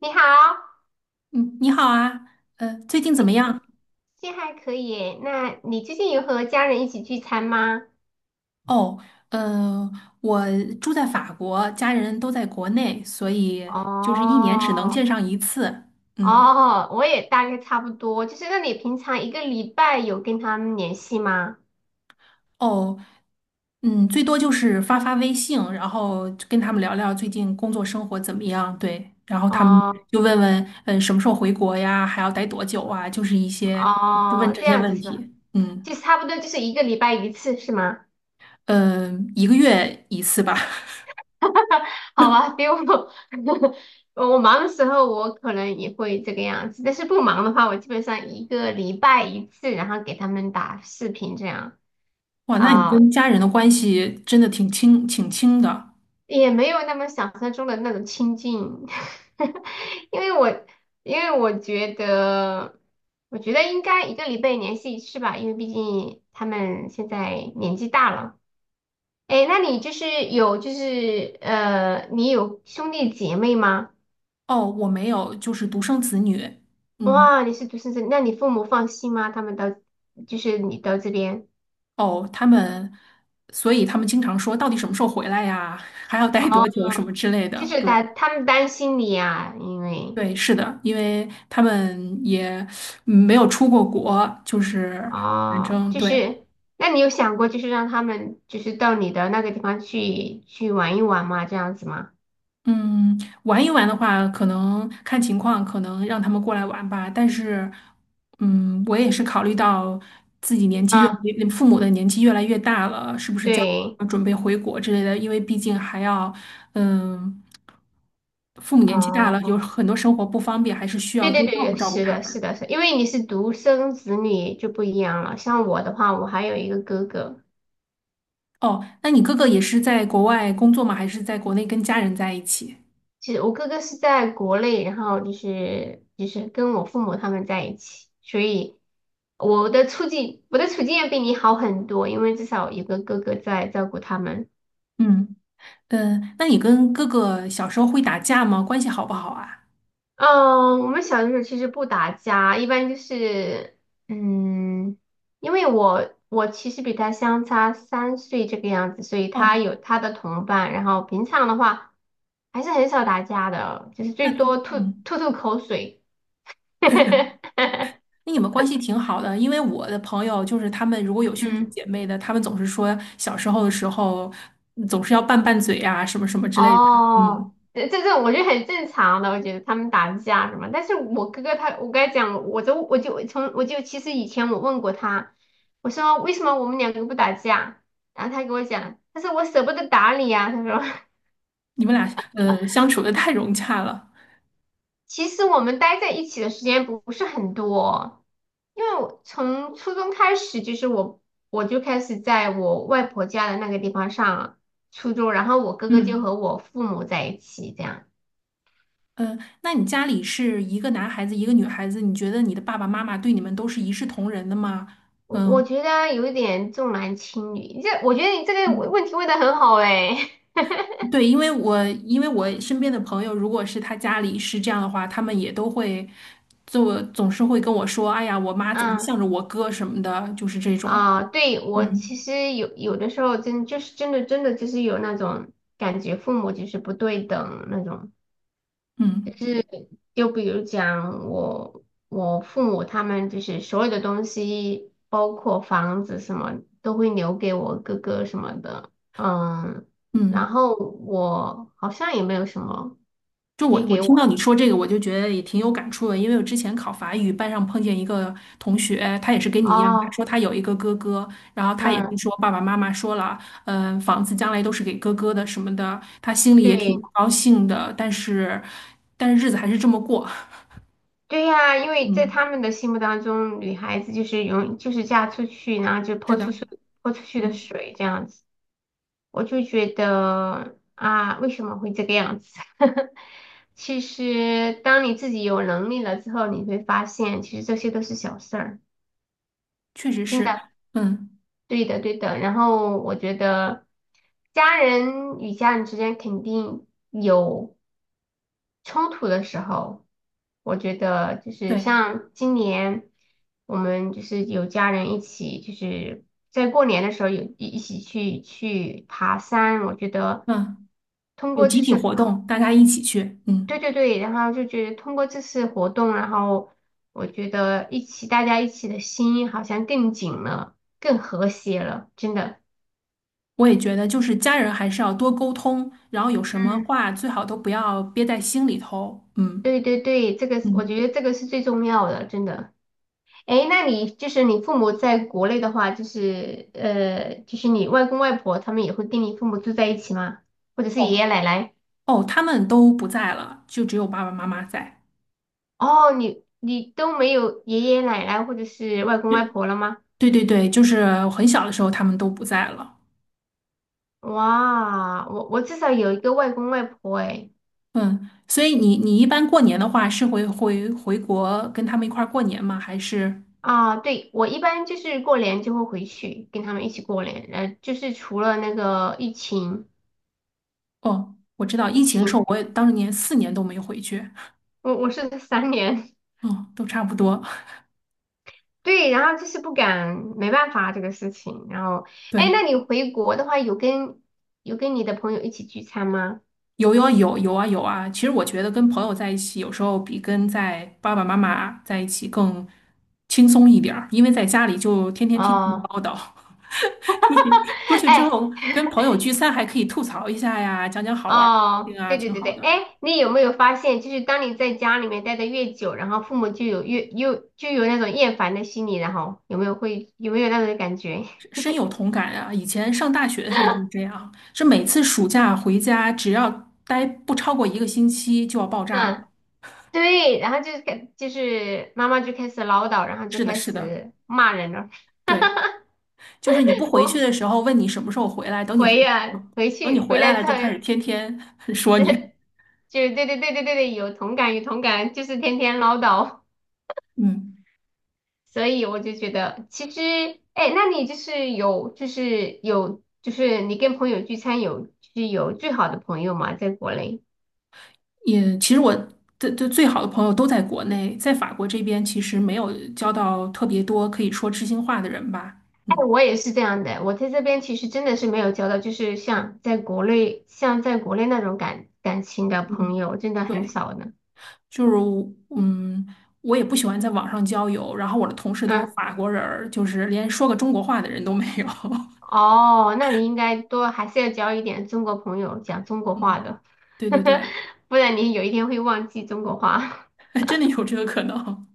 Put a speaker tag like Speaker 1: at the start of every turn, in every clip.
Speaker 1: 你好，
Speaker 2: 嗯，你好啊，最近怎么
Speaker 1: 你
Speaker 2: 样？
Speaker 1: 最近还可以耶？那你最近有和家人一起聚餐吗？
Speaker 2: 哦，呃，我住在法国，家人都在国内，所以就是一年只能
Speaker 1: 哦
Speaker 2: 见上一次。
Speaker 1: 哦，
Speaker 2: 嗯，
Speaker 1: 哦,我也大概差不多。就是那你平常一个礼拜有跟他们联系吗？
Speaker 2: 哦，嗯，最多就是发发微信，然后就跟他们聊聊最近工作生活怎么样。对，然后他们
Speaker 1: 哦
Speaker 2: 就问问，什么时候回国呀？还要待多久啊？就是一些就问
Speaker 1: 哦，
Speaker 2: 这
Speaker 1: 这
Speaker 2: 些
Speaker 1: 样子
Speaker 2: 问
Speaker 1: 是吧？
Speaker 2: 题。嗯，
Speaker 1: 就是差不多就是一个礼拜一次是吗？
Speaker 2: 一个月一次吧。
Speaker 1: 好吧，比我 我忙的时候我可能也会这个样子，但是不忙的话，我基本上一个礼拜一次，然后给他们打视频这样。
Speaker 2: 哇，那你
Speaker 1: 啊、
Speaker 2: 跟家人的关系真的挺亲，挺亲的。
Speaker 1: 也没有那么想象中的那种亲近，因为我因为我觉得，我觉得应该一个礼拜联系一次吧，因为毕竟他们现在年纪大了。哎，那你就是有就是呃，你有兄弟姐妹吗？
Speaker 2: 哦，我没有，就是独生子女。嗯，
Speaker 1: 哇，你是独生子，那你父母放心吗？他们到就是你到这边
Speaker 2: 哦，所以他们经常说，到底什么时候回来呀？还要待
Speaker 1: 哦，
Speaker 2: 多久什么之类
Speaker 1: 就
Speaker 2: 的。
Speaker 1: 是他
Speaker 2: 对，
Speaker 1: 他们担心你呀，因为。
Speaker 2: 对，是的，因为他们也没有出过国，就是反
Speaker 1: 哦，
Speaker 2: 正
Speaker 1: 就
Speaker 2: 对。
Speaker 1: 是，那你有想过就是让他们就是到你的那个地方去玩一玩吗？这样子吗？
Speaker 2: 嗯，玩一玩的话，可能看情况，可能让他们过来玩吧。但是，嗯，我也是考虑到自己年纪越，
Speaker 1: 啊，
Speaker 2: 父母的年纪越来越大了，是不是将来
Speaker 1: 对，
Speaker 2: 要准备回国之类的？因为毕竟还要，嗯，父母年纪大了，有
Speaker 1: 哦，
Speaker 2: 很多生活不方便，还是需
Speaker 1: 对
Speaker 2: 要
Speaker 1: 对
Speaker 2: 多
Speaker 1: 对
Speaker 2: 照顾
Speaker 1: 对，
Speaker 2: 照顾
Speaker 1: 是
Speaker 2: 他
Speaker 1: 的，是
Speaker 2: 们。
Speaker 1: 的，是的因为你是独生子女就不一样了。像我的话，我还有一个哥哥，
Speaker 2: 哦，那你哥哥也是在国外工作吗？还是在国内跟家人在一起？
Speaker 1: 其实我哥哥是在国内，然后就是跟我父母他们在一起，所以我的处境要比你好很多，因为至少有个哥哥在照顾他们。
Speaker 2: 嗯嗯，那你跟哥哥小时候会打架吗？关系好不好啊？
Speaker 1: 嗯，我们小的时候其实不打架，一般就是，嗯，因为我其实比他相差三岁这个样子，所以他
Speaker 2: 哦。
Speaker 1: 有他的同伴，然后平常的话还是很少打架的，就是
Speaker 2: 那
Speaker 1: 最多
Speaker 2: 嗯，
Speaker 1: 吐吐口水。
Speaker 2: 那你们关系挺好的，因为我的朋友就是他们如果有兄弟
Speaker 1: 嗯
Speaker 2: 姐妹的，他们总是说小时候的时候总是要拌拌嘴啊，什么什么之类的。嗯，
Speaker 1: 哦，这我觉得很正常的，我觉得他们打架什么，但是我哥哥他，我跟他讲，我就我就从我就其实以前我问过他，我说为什么我们两个不打架，然后他跟我讲，他说我舍不得打你啊。他说
Speaker 2: 你们俩相处的太融洽了。
Speaker 1: 其实我们待在一起的时间不是很多，因为我从初中开始我就开始在我外婆家的那个地方上初中，然后我哥哥就
Speaker 2: 嗯
Speaker 1: 和我父母在一起这样。
Speaker 2: 嗯，那你家里是一个男孩子一个女孩子，你觉得你的爸爸妈妈对你们都是一视同仁的吗？
Speaker 1: 我
Speaker 2: 嗯
Speaker 1: 我觉得啊有一点重男轻女，这我觉得你这个问
Speaker 2: 嗯。
Speaker 1: 题问的很好哎，
Speaker 2: 对，因为我身边的朋友，如果是他家里是这样的话，他们也都会做，总是会跟我说：“哎呀，我妈 总是
Speaker 1: 嗯
Speaker 2: 向着我哥什么的，就是这种。”
Speaker 1: 啊，对我
Speaker 2: 嗯
Speaker 1: 其实有的时候真就是真的就是有那种感觉，父母就是不对等那种，就
Speaker 2: 嗯
Speaker 1: 是比如讲我父母他们就是所有的东西，包括房子什么都会留给我哥哥什么的，嗯，然
Speaker 2: 嗯，
Speaker 1: 后我好像也没有什么
Speaker 2: 就
Speaker 1: 可
Speaker 2: 我
Speaker 1: 以
Speaker 2: 我
Speaker 1: 给
Speaker 2: 听
Speaker 1: 我
Speaker 2: 到你说这个，我就觉得也挺有感触的，因为我之前考法语，班上碰见一个同学，他也是跟你一样，他
Speaker 1: 哦，
Speaker 2: 说他有一个哥哥，然后他也是
Speaker 1: 嗯。
Speaker 2: 说爸爸妈妈说了，房子将来都是给哥哥的什么的，他心里也挺不
Speaker 1: 对
Speaker 2: 高兴的，但是日子还是这么过，
Speaker 1: 对呀，因为在
Speaker 2: 嗯。
Speaker 1: 他们的心目当中，女孩子就是永就是嫁出去，然后就
Speaker 2: 是
Speaker 1: 泼
Speaker 2: 的，
Speaker 1: 出去泼出去的
Speaker 2: 嗯，
Speaker 1: 水这样子，我就觉得啊，为什么会这个样子？其实当你自己有能力了之后，你会发现，其实这些都是小事儿。
Speaker 2: 确实是，嗯，
Speaker 1: 对的，对的。然后我觉得家人与家人之间肯定有冲突的时候，我觉得就是
Speaker 2: 对，
Speaker 1: 像今年我们就是有家人一起，就是在过年的时候有一起去爬山，我觉得
Speaker 2: 嗯，
Speaker 1: 通
Speaker 2: 有
Speaker 1: 过
Speaker 2: 集
Speaker 1: 这
Speaker 2: 体
Speaker 1: 次爬
Speaker 2: 活动，大家一起去，
Speaker 1: 对
Speaker 2: 嗯，
Speaker 1: 对对，然后就觉得通过这次活动，然后我觉得大家一起的心好像更紧了，更和谐了，真的。
Speaker 2: 我也觉得，就是家人还是要多沟通，然后有什么
Speaker 1: 嗯，
Speaker 2: 话最好都不要憋在心里头，嗯
Speaker 1: 对对对，这个是我
Speaker 2: 嗯，
Speaker 1: 觉得这个是最重要的，真的。诶，那你就是你父母在国内的话，就是你外公外婆他们也会跟你父母住在一起吗？或者是爷
Speaker 2: 哦
Speaker 1: 爷奶奶？
Speaker 2: 哦，他们都不在了，就只有爸爸妈妈在，
Speaker 1: 哦，你你都没有爷爷奶奶或者是外公外婆了吗？
Speaker 2: 对对对对，就是我很小的时候他们都不在了，
Speaker 1: 哇，我至少有一个外公外婆诶。
Speaker 2: 嗯，所以你一般过年的话是会回国跟他们一块儿过年吗？还是
Speaker 1: 啊，对，我一般就是过年就会回去跟他们一起过年，呃，就是除了那个疫情，
Speaker 2: 哦，我知道
Speaker 1: 疫
Speaker 2: 疫情的时
Speaker 1: 情，
Speaker 2: 候我也当年四年都没回去。
Speaker 1: 我是三年。
Speaker 2: 哦，都差不多。
Speaker 1: 对，然后就是不敢，没办法这个事情。然后，哎，
Speaker 2: 对，
Speaker 1: 那你回国的话，有跟你的朋友一起聚餐吗？
Speaker 2: 有有有有啊有啊。其实我觉得跟朋友在一起，有时候比跟在爸爸妈妈在一起更轻松一点儿，因为在家里就天天听他们
Speaker 1: 哦，
Speaker 2: 唠叨。出去出 去之
Speaker 1: 哎，
Speaker 2: 后，跟朋友聚餐还可以吐槽一下呀，讲讲好玩儿的事
Speaker 1: 哦，
Speaker 2: 情啊，
Speaker 1: 对对
Speaker 2: 挺
Speaker 1: 对
Speaker 2: 好
Speaker 1: 对，
Speaker 2: 的，
Speaker 1: 哎，你有没有发现，就是当你在家里面待的越久，然后父母就有那种厌烦的心理，然后有没有那种感觉？
Speaker 2: 深深有同感啊。以前上大学的时候就是 这样，是每次暑假回家，只要待不超过一个星期就要爆炸了。
Speaker 1: 嗯，对，然后就是感就是妈妈就开始唠叨，然后就
Speaker 2: 是的，
Speaker 1: 开
Speaker 2: 是的，
Speaker 1: 始骂人了。
Speaker 2: 对。就是你不 回去
Speaker 1: 我
Speaker 2: 的时候问你什么时候回来，
Speaker 1: 回
Speaker 2: 等你
Speaker 1: 去回
Speaker 2: 回来
Speaker 1: 来
Speaker 2: 了
Speaker 1: 之
Speaker 2: 就
Speaker 1: 后。
Speaker 2: 开始天天 说你。
Speaker 1: 就是对对对对对对，有同感有同感，就是天天唠叨，
Speaker 2: 嗯，
Speaker 1: 所以我就觉得其实，哎，那你就是有就是有就是你跟朋友聚餐有就是有最好的朋友吗？在国内？
Speaker 2: 也其实我的最好的朋友都在国内，在法国这边其实没有交到特别多可以说知心话的人吧。
Speaker 1: 哎，
Speaker 2: 嗯
Speaker 1: 我也是这样的，我在这边其实真的是没有交到，就是像在国内那种感情的朋
Speaker 2: 嗯，
Speaker 1: 友，真的很
Speaker 2: 对，
Speaker 1: 少的。
Speaker 2: 就是我也不喜欢在网上交友，然后我的同事都是
Speaker 1: 嗯，
Speaker 2: 法国人儿，就是连说个中国话的人都没有。
Speaker 1: 哦，那你应该还是要交一点中国朋友，讲中国
Speaker 2: 嗯，
Speaker 1: 话的，
Speaker 2: 对对 对。
Speaker 1: 不然你有一天会忘记中国话。
Speaker 2: 真的有这个可能。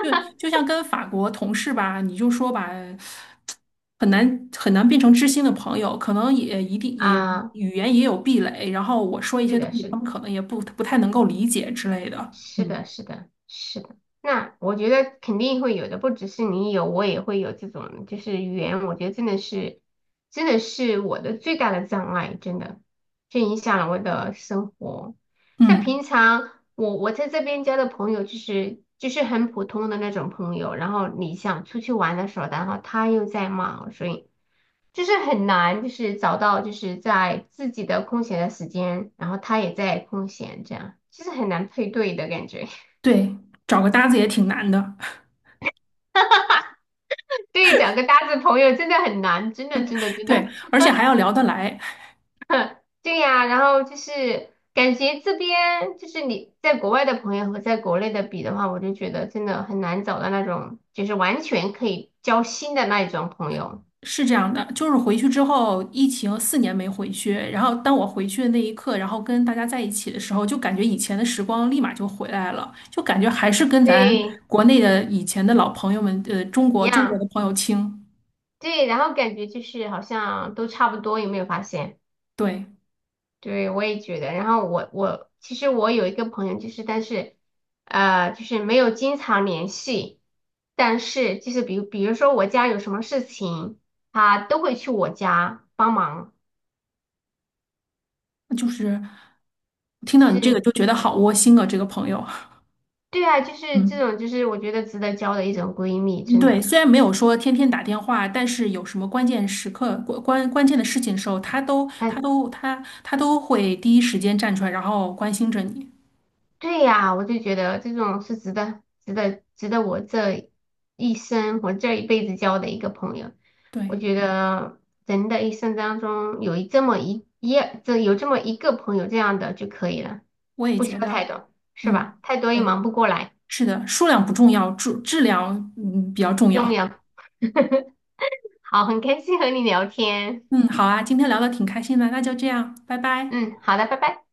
Speaker 2: 就像跟法国同事吧，你就说吧，很难很难变成知心的朋友，可能也一定也
Speaker 1: 啊，
Speaker 2: 语言也有壁垒，然后我说一
Speaker 1: 是
Speaker 2: 些东
Speaker 1: 的，
Speaker 2: 西，他们可能也不太能够理解之类的。
Speaker 1: 是
Speaker 2: 嗯
Speaker 1: 的，是的，是的。那我觉得肯定会有的，不只是你有，我也会有这种，就是语言，我觉得真的是，真的是我的最大的障碍，真的，这影响了我的生活。像
Speaker 2: 嗯，
Speaker 1: 平常我在这边交的朋友，就是很普通的那种朋友，然后你想出去玩的时候，然后他又在忙，所以。就是很难，就是找到在自己的空闲的时间，然后他也在空闲，这样就是很难配对的感觉。
Speaker 2: 对，找个搭子也挺难的，
Speaker 1: 对，找个搭子朋友真的很难，真的。
Speaker 2: 对，而且还要聊得来。
Speaker 1: 对呀，然后就是感觉这边就是你在国外的朋友和在国内的比的话，我就觉得真的很难找到那种就是完全可以交心的那一种朋友。
Speaker 2: 是这样的，就是回去之后，疫情四年没回去，然后当我回去的那一刻，然后跟大家在一起的时候，就感觉以前的时光立马就回来了，就感觉还是跟咱
Speaker 1: 对，
Speaker 2: 国内的以前的老朋友们，中
Speaker 1: 一
Speaker 2: 国中国的
Speaker 1: 样。
Speaker 2: 朋友亲，
Speaker 1: 对，然后感觉就是好像都差不多，有没有发现？
Speaker 2: 对，
Speaker 1: 对，我也觉得。然后我我其实我有一个朋友，就是但是呃，就是没有经常联系，但是就是比如说我家有什么事情，她都会去我家帮忙。
Speaker 2: 就是听到
Speaker 1: 其
Speaker 2: 你这个
Speaker 1: 实
Speaker 2: 就觉得好窝心啊，这个朋友，
Speaker 1: 对啊，就是这
Speaker 2: 嗯。
Speaker 1: 种就是我觉得值得交的一种闺蜜，
Speaker 2: 嗯
Speaker 1: 真
Speaker 2: 对，
Speaker 1: 的。
Speaker 2: 虽然没有说天天打电话，但是有什么关键时刻、关键的事情的时候，他都会第一时间站出来，然后关心着你。
Speaker 1: 对呀，我就觉得这种是值得我这一生、我这一辈子交的一个朋友。我
Speaker 2: 对。
Speaker 1: 觉得人的一生当中这么一一这有这么一个朋友这样的就可以了，
Speaker 2: 我也
Speaker 1: 不需
Speaker 2: 觉
Speaker 1: 要太
Speaker 2: 得，
Speaker 1: 多，是
Speaker 2: 嗯，
Speaker 1: 吧？太多也
Speaker 2: 对，
Speaker 1: 忙不过来，
Speaker 2: 是的，数量不重要，质量比较重
Speaker 1: 重
Speaker 2: 要。
Speaker 1: 要。好，很开心和你聊天。
Speaker 2: 嗯，好啊，今天聊的挺开心的，那就这样，拜拜。
Speaker 1: 嗯，好的，拜拜。